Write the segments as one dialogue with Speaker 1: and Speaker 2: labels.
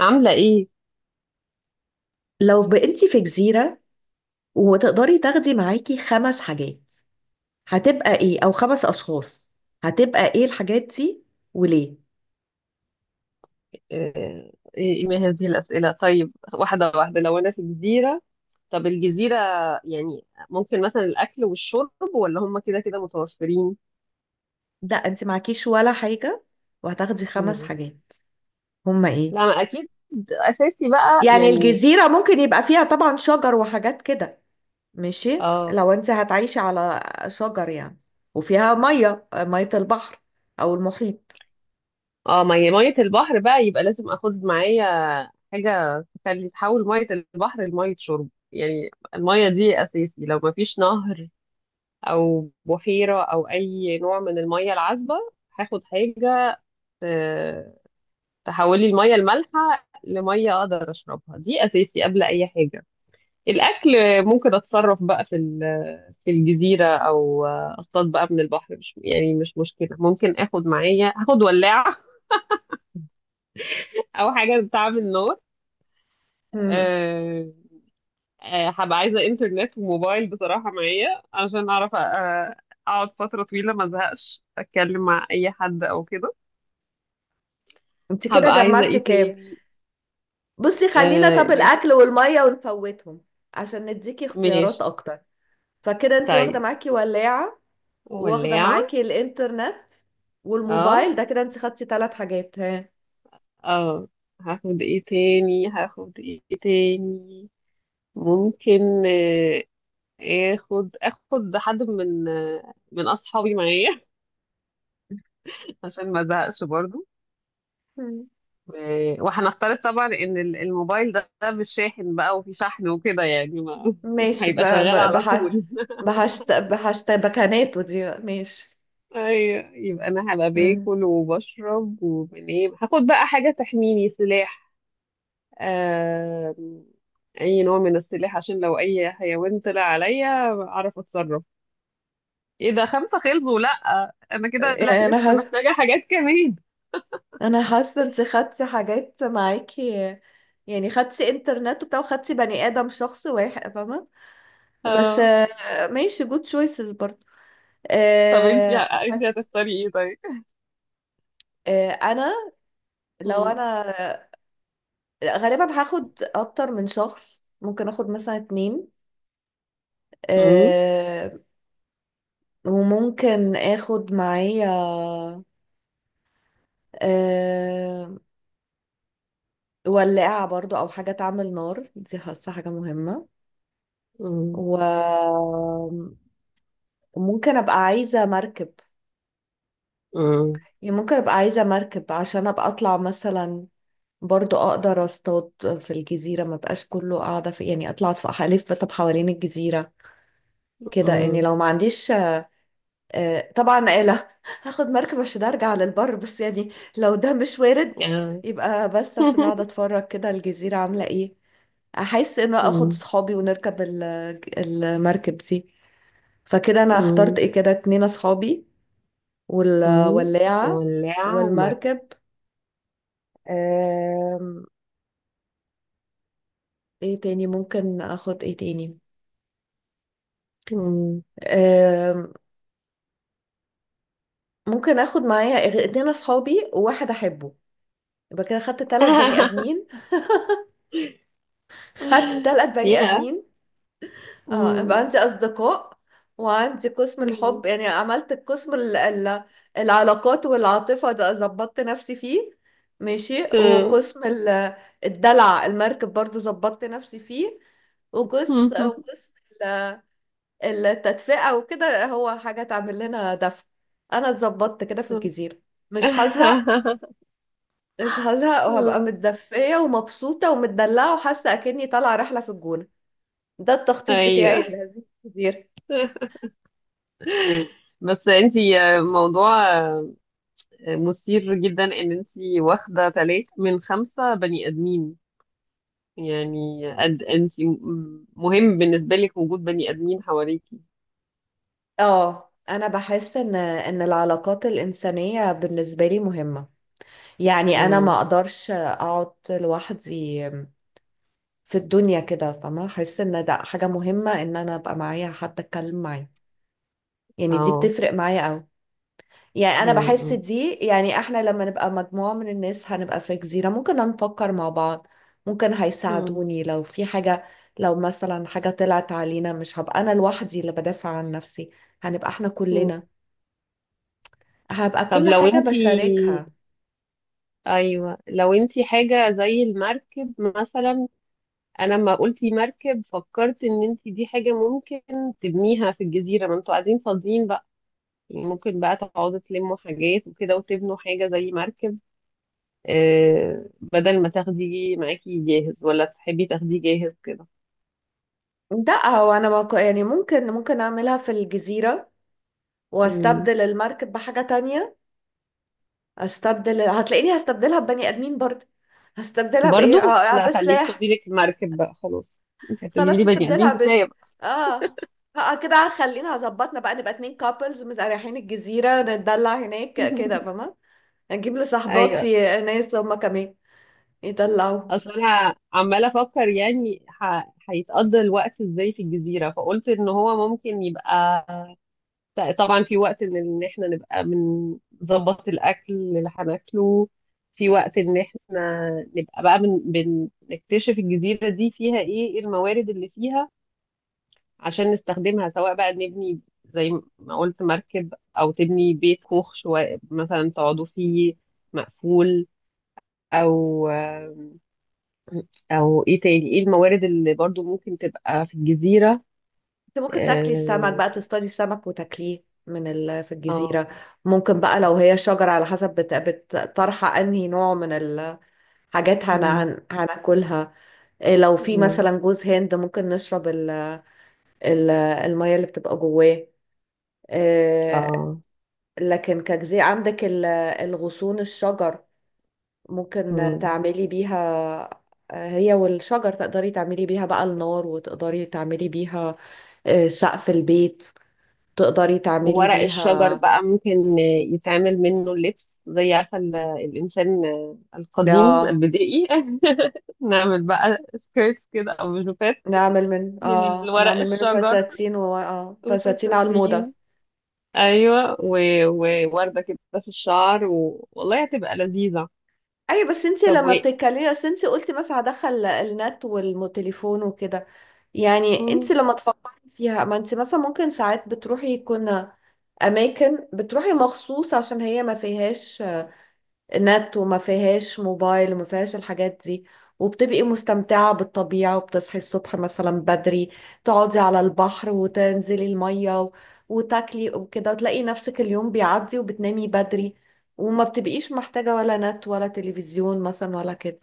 Speaker 1: عاملة إيه؟
Speaker 2: لو بقيتي في جزيرة وتقدري تاخدي معاكي 5 حاجات، هتبقى ايه؟ او 5 اشخاص، هتبقى ايه الحاجات دي وليه؟
Speaker 1: إيه ما هذه الأسئلة؟ طيب، واحدة واحدة، لو أنا في جزيرة. طب الجزيرة يعني ممكن مثلا الأكل والشرب، ولا هم كده كده متوفرين؟
Speaker 2: لا، انت معكيش ولا حاجة وهتاخدي خمس
Speaker 1: مم.
Speaker 2: حاجات هما ايه؟
Speaker 1: لا، ما أكيد أساسي بقى
Speaker 2: يعني
Speaker 1: يعني.
Speaker 2: الجزيرة ممكن يبقى فيها طبعا شجر وحاجات كده. ماشي
Speaker 1: آه
Speaker 2: لو انت هتعيشي على شجر يعني. وفيها مية مية البحر او المحيط.
Speaker 1: مية مية البحر بقى، يبقى لازم آخد معايا حاجة تخلي، تحول مية البحر لمية شرب. يعني المية دي أساسي، لو ما فيش نهر أو بحيرة أو أي نوع من المية العذبة، هاخد حاجة آه، تحولي المية المالحة لمية أقدر أشربها. دي أساسي قبل أي حاجة. الأكل ممكن أتصرف بقى في الجزيرة، أو أصطاد بقى من البحر. مش مشكلة، ممكن آخد معايا، هاخد ولاعة أو حاجة بتعمل نار.
Speaker 2: مم.
Speaker 1: أه آه، هبقى عايزة إنترنت وموبايل بصراحة معايا، عشان أعرف أقعد فترة طويلة ما أزهقش أتكلم مع أي حد أو كده.
Speaker 2: انت كده
Speaker 1: هبقى عايزة
Speaker 2: جمعتي
Speaker 1: إيه
Speaker 2: كام؟
Speaker 1: تاني؟
Speaker 2: بصي، خلينا
Speaker 1: أه،
Speaker 2: طب
Speaker 1: ماشي.
Speaker 2: الاكل والمية ونفوتهم عشان نديكي اختيارات
Speaker 1: ماشي،
Speaker 2: اكتر. فكده انت واخده
Speaker 1: طيب.
Speaker 2: معاكي ولاعه، واخده
Speaker 1: ولاعة.
Speaker 2: معاكي الانترنت
Speaker 1: اه.
Speaker 2: والموبايل، ده كده انت خدتي 3 حاجات. ها؟
Speaker 1: اه. هاخد ايه تاني؟ ممكن آه، اخد حد من اصحابي معايا عشان ما ازهقش برضو.
Speaker 2: مم.
Speaker 1: وهنفترض طبعا ان الموبايل ده مش شاحن بقى، وفي شحن وكده، يعني ما
Speaker 2: ماشي
Speaker 1: هيبقى شغال على طول
Speaker 2: بحشت بكاناته دي بقى. ماشي.
Speaker 1: ايوه، يبقى انا هبقى
Speaker 2: مم.
Speaker 1: باكل وبشرب وبنام، هاخد بقى حاجة تحميني، سلاح آه، اي نوع من السلاح، عشان لو اي حيوان طلع عليا اعرف اتصرف. ايه ده، خمسة خلصوا؟ لا، انا كده لا،
Speaker 2: يعني انا
Speaker 1: لسه
Speaker 2: حاسه
Speaker 1: محتاجة حاجات كمان.
Speaker 2: انا حاسه انت خدتي حاجات معاكي. يعني خدتي انترنت وبتاع وخدتي بني ادم شخص واحد، فاهمه؟ بس
Speaker 1: اه.
Speaker 2: ماشي، جود تشويسز برضه.
Speaker 1: طب انتي
Speaker 2: آه، حت-
Speaker 1: انتي هتختاري ايه طيب؟
Speaker 2: آه، انا لو
Speaker 1: مم.
Speaker 2: انا غالبا هاخد اكتر من شخص، ممكن اخد مثلا 2.
Speaker 1: مم.
Speaker 2: أه. وممكن اخد معايا أه ولاعة برضو او حاجة تعمل نار، دي حاسة حاجة مهمة.
Speaker 1: مم.
Speaker 2: وممكن ابقى عايزة مركب.
Speaker 1: مم.
Speaker 2: يعني ممكن ابقى عايزة مركب عشان ابقى اطلع مثلا برضو اقدر اصطاد. في الجزيرة ما بقاش كله قاعدة في، يعني اطلع في الف طب حوالين الجزيرة كده، يعني
Speaker 1: مم.
Speaker 2: لو ما عنديش طبعا آلة. هاخد مركب عشان ارجع للبر، بس يعني لو ده مش وارد
Speaker 1: آه.
Speaker 2: يبقى بس عشان اقعد اتفرج كده الجزيرة عاملة ايه. احس انه اخد
Speaker 1: مم.
Speaker 2: صحابي ونركب المركب دي. فكده انا اخترت
Speaker 1: مم.
Speaker 2: ايه كده، 2 اصحابي
Speaker 1: مم.
Speaker 2: والولاعة
Speaker 1: ولاعة ومرة.
Speaker 2: والمركب. آم، ايه تاني، ممكن اخد ايه تاني؟
Speaker 1: مم.
Speaker 2: آم، ممكن اخد معايا اتنين اصحابي وواحد احبه. يبقى كده خدت تلات بني ادمين خدت تلات بني
Speaker 1: يا.
Speaker 2: ادمين اه، يبقى
Speaker 1: مم.
Speaker 2: عندي اصدقاء وعندي قسم
Speaker 1: مم.
Speaker 2: الحب، يعني عملت القسم العلاقات والعاطفة ده ظبطت نفسي فيه. ماشي،
Speaker 1: آه.
Speaker 2: وقسم الدلع، المركب برضو ظبطت نفسي فيه. وقسم ال- التدفئة وكده، هو حاجة تعمل لنا دفء. انا اتظبطت كده في الجزيرة، مش هزهق. مش هزهق وهبقى
Speaker 1: مم.
Speaker 2: متدفية ومبسوطة ومتدلعة وحاسة اكني طالعة رحلة في الجونة. ده التخطيط بتاعي
Speaker 1: ايوه.
Speaker 2: لهذه الجزيرة.
Speaker 1: بس انتي، موضوع مثير جدا ان انتي واخده تلاتة من خمسة بني ادمين. يعني قد انتي مهم بالنسبه لك وجود بني ادمين حواليكي؟
Speaker 2: اه، انا بحس ان العلاقات الانسانيه بالنسبه لي مهمه. يعني انا ما
Speaker 1: مم.
Speaker 2: اقدرش اقعد لوحدي في الدنيا كده، فما احس ان ده حاجه مهمه ان انا ابقى معايا حد اتكلم معاه. يعني دي
Speaker 1: اه.
Speaker 2: بتفرق معايا قوي. يعني انا
Speaker 1: مم.
Speaker 2: بحس
Speaker 1: مم.
Speaker 2: دي، يعني احنا لما نبقى مجموعه من الناس هنبقى في جزيره ممكن نفكر مع بعض. ممكن
Speaker 1: مم.
Speaker 2: هيساعدوني لو في حاجه. لو مثلا حاجه طلعت علينا مش هبقى انا لوحدي اللي بدافع عن نفسي، هنبقى احنا
Speaker 1: مم.
Speaker 2: كلنا. هبقى
Speaker 1: طب
Speaker 2: كل
Speaker 1: لو
Speaker 2: حاجة
Speaker 1: انتي،
Speaker 2: بشاركها.
Speaker 1: ايوه، لو انتي حاجه زي المركب مثلا. انا لما قلتي مركب، فكرت ان انتي دي حاجه ممكن تبنيها في الجزيره، ما انتوا قاعدين فاضيين بقى. ممكن بقى تقعدوا تلموا حاجات وكده وتبنوا حاجة زي مركب، بدل ما تاخديه معاكي جاهز. ولا تحبي تاخديه جاهز كده؟
Speaker 2: لا، هو انا ما ك- يعني ممكن اعملها في الجزيرة
Speaker 1: مم.
Speaker 2: واستبدل المركب بحاجة تانية. هتلاقيني هستبدلها ببني ادمين برضه. هستبدلها بايه؟ اه،
Speaker 1: برضو لا، خليك،
Speaker 2: بسلاح.
Speaker 1: خدي لك المركب بقى خلاص. مش هتجيبي
Speaker 2: خلاص
Speaker 1: لي بني
Speaker 2: استبدلها
Speaker 1: آدمين،
Speaker 2: بس.
Speaker 1: كفاية بقى.
Speaker 2: اه. اه، كده خلينا هظبطنا بقى، نبقى 2 كابلز رايحين الجزيرة نتدلع هناك كده، فاهمة؟ نجيب
Speaker 1: ايوه.
Speaker 2: لصاحباتي ناس هما كمان يطلعوا.
Speaker 1: اصل انا عمالة افكر، يعني هيتقضى الوقت ازاي في الجزيرة؟ فقلت ان هو ممكن يبقى، لا طبعا في وقت إن احنا نبقى بنظبط الاكل اللي هناكله، في وقت ان احنا نبقى بقى نكتشف الجزيره دي فيها إيه الموارد اللي فيها عشان نستخدمها، سواء بقى نبني زي ما قلت مركب، او تبني بيت كوخ شويه مثلا تقعدوا فيه مقفول، او او ايه تاني، ايه الموارد اللي برضو ممكن تبقى في الجزيره.
Speaker 2: انت ممكن تاكلي السمك
Speaker 1: اه.
Speaker 2: بقى، تصطادي السمك وتاكليه من في
Speaker 1: اه.
Speaker 2: الجزيرة. ممكن بقى لو هي شجرة على حسب طرحة، انهي نوع من الحاجات
Speaker 1: مم.
Speaker 2: هناكلها. إيه، لو في
Speaker 1: مم.
Speaker 2: مثلا جوز هند ممكن نشرب المية اللي بتبقى جواه. إيه،
Speaker 1: اه.
Speaker 2: لكن كجزيرة عندك الغصون الشجر ممكن
Speaker 1: مم.
Speaker 2: تعملي بيها. هي والشجر تقدري تعملي بيها بقى النار، وتقدري تعملي بيها سقف البيت، تقدري تعملي
Speaker 1: وورق الشجر
Speaker 2: بيها.
Speaker 1: بقى ممكن يتعمل منه اللبس، زي عارفة الإنسان القديم
Speaker 2: اه،
Speaker 1: البدائي. نعمل بقى سكيرتس كده أو جوبات من الورق
Speaker 2: نعمل منه
Speaker 1: الشجر.
Speaker 2: فساتين و... اه فساتين على الموضة.
Speaker 1: وفساتين؟ أيوة، ووردة كده في الشعر والله هتبقى لذيذة.
Speaker 2: اي، بس انت
Speaker 1: طب
Speaker 2: لما بتتكلمي بس انت قلتي بس هدخل النت والتليفون وكده. يعني انت
Speaker 1: مم.
Speaker 2: لما تفكري فيها، ما انت مثلا ممكن ساعات بتروحي يكون اماكن بتروحي مخصوص عشان هي ما فيهاش نت وما فيهاش موبايل وما فيهاش الحاجات دي. وبتبقي مستمتعة بالطبيعة وبتصحي الصبح مثلا بدري، تقعدي على البحر وتنزلي المية وتاكلي وكده، وتلاقي نفسك اليوم بيعدي وبتنامي بدري. وما بتبقيش محتاجة ولا نت ولا تلفزيون مثلا ولا كده.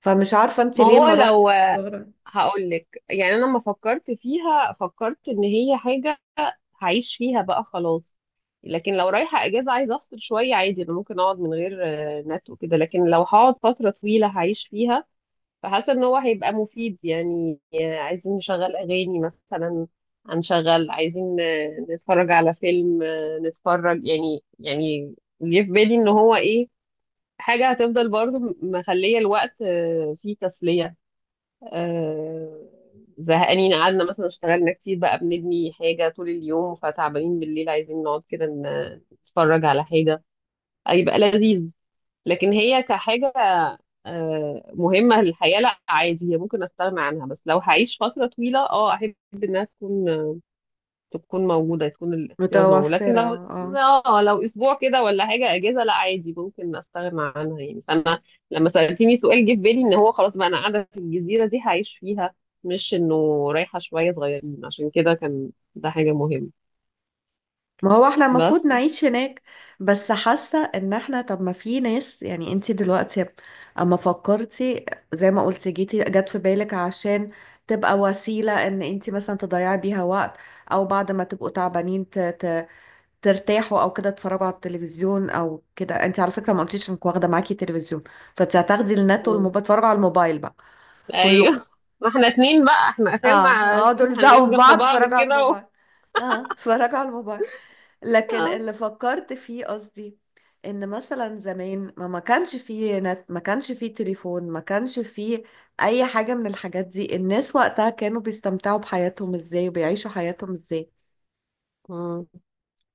Speaker 2: فمش عارفة انت
Speaker 1: ما
Speaker 2: ليه
Speaker 1: هو
Speaker 2: ما روحتي
Speaker 1: لو،
Speaker 2: صغرى.
Speaker 1: هقولك يعني أنا لما فكرت فيها، فكرت إن هي حاجة هعيش فيها بقى خلاص، لكن لو رايحة اجازة عايزة افصل شوية عادي، انا ممكن اقعد من غير نت وكده، لكن لو هقعد فترة طويلة هعيش فيها، فحاسة ان هو هيبقى مفيد. يعني عايزين نشغل اغاني مثلا هنشغل، عايزين نتفرج على فيلم، نتفرج، يعني جه في بالي ان هو ايه، حاجة هتفضل برضو مخلية الوقت فيه تسلية. آه، زهقانين قعدنا مثلا، اشتغلنا كتير بقى بنبني حاجة طول اليوم فتعبانين بالليل، عايزين نقعد كده نتفرج على حاجة، هيبقى لذيذ. لكن هي كحاجة مهمة للحياة، لا عادي، هي ممكن استغنى عنها. بس لو هعيش فترة طويلة، احب انها تكون موجودة، تكون الاختيار موجود. لكن
Speaker 2: متوفرة.
Speaker 1: لو
Speaker 2: اه.
Speaker 1: اه لو اسبوع كده ولا حاجة اجازة، لا عادي، ممكن استغنى عنها يعني. فانا لما سألتيني سؤال، جه في بالي ان هو خلاص بقى انا قاعدة في الجزيرة دي هعيش فيها، مش انه رايحة شوية صغيرين، عشان كده كان ده حاجة مهمة
Speaker 2: ما هو احنا المفروض
Speaker 1: بس.
Speaker 2: نعيش هناك بس. حاسة ان احنا، طب ما في ناس، يعني انتي دلوقتي اما فكرتي زي ما قلتي جت في بالك عشان تبقى وسيلة ان انتي مثلا تضيعي بيها وقت، او بعد ما تبقوا تعبانين ترتاحوا او كده، تتفرجوا على التلفزيون او كده. انتي على فكرة ما قلتيش انك واخدة معاكي تلفزيون. فانتي هتاخدي النت
Speaker 1: مم.
Speaker 2: والموبايل، تتفرجوا على الموبايل بقى كلكم.
Speaker 1: ايوه. ما احنا اتنين بقى، احنا
Speaker 2: اه،
Speaker 1: اخرنا
Speaker 2: اقعدوا
Speaker 1: اتنين
Speaker 2: الزقوا
Speaker 1: هننام
Speaker 2: في بعض
Speaker 1: جنب بعض
Speaker 2: اتفرجوا على
Speaker 1: كده
Speaker 2: الموبايل. اه، اتفرجوا على الموبايل. لكن اللي فكرت فيه قصدي، ان مثلا زمان ما كانش فيه نت، ما كانش فيه تليفون، ما كانش فيه اي حاجة من الحاجات دي، الناس وقتها كانوا بيستمتعوا بحياتهم ازاي وبيعيشوا حياتهم ازاي؟
Speaker 1: آه.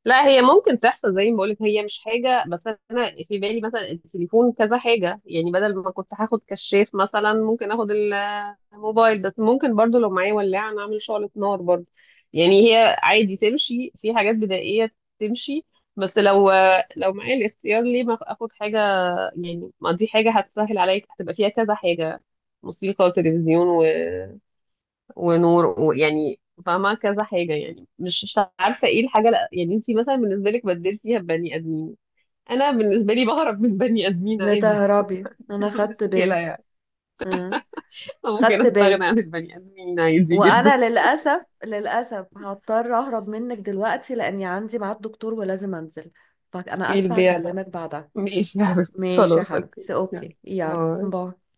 Speaker 1: لا، هي ممكن تحصل زي ما بقولك، هي مش حاجة. بس أنا في بالي مثلا التليفون كذا حاجة، يعني بدل ما كنت هاخد كشاف مثلا ممكن اخد الموبايل، بس ممكن برضو لو معايا ولاعة نعمل شعلة نار برضو. يعني هي عادي تمشي في حاجات بدائية، تمشي. بس لو معايا الاختيار، ليه ما اخد حاجة؟ يعني ما دي حاجة هتسهل عليا، هتبقى فيها كذا حاجة، موسيقى وتلفزيون ونور، ويعني فاهمة كذا حاجة يعني. مش عارفة ايه الحاجة. لأ، يعني انتي مثلا بالنسبة لك بدلتيها ببني ادمين، انا بالنسبة لي بهرب من بني ادمين عادي.
Speaker 2: بتهربي؟ انا
Speaker 1: مش
Speaker 2: خدت
Speaker 1: مشكلة
Speaker 2: بالي.
Speaker 1: يعني،
Speaker 2: أه. خدت
Speaker 1: ممكن استغنى
Speaker 2: بالي.
Speaker 1: عن البني ادمين عادي جدا.
Speaker 2: وانا للاسف للاسف هضطر اهرب منك دلوقتي، لاني عندي ميعاد دكتور ولازم انزل. فانا
Speaker 1: ايه
Speaker 2: اسفة،
Speaker 1: البيع ده؟
Speaker 2: هكلمك بعدها.
Speaker 1: ماشي يا حبيبتي،
Speaker 2: ماشي يا
Speaker 1: خلاص، اوكي،
Speaker 2: حبيبتي،
Speaker 1: يلا،
Speaker 2: اوكي، يلا
Speaker 1: باي.
Speaker 2: باي.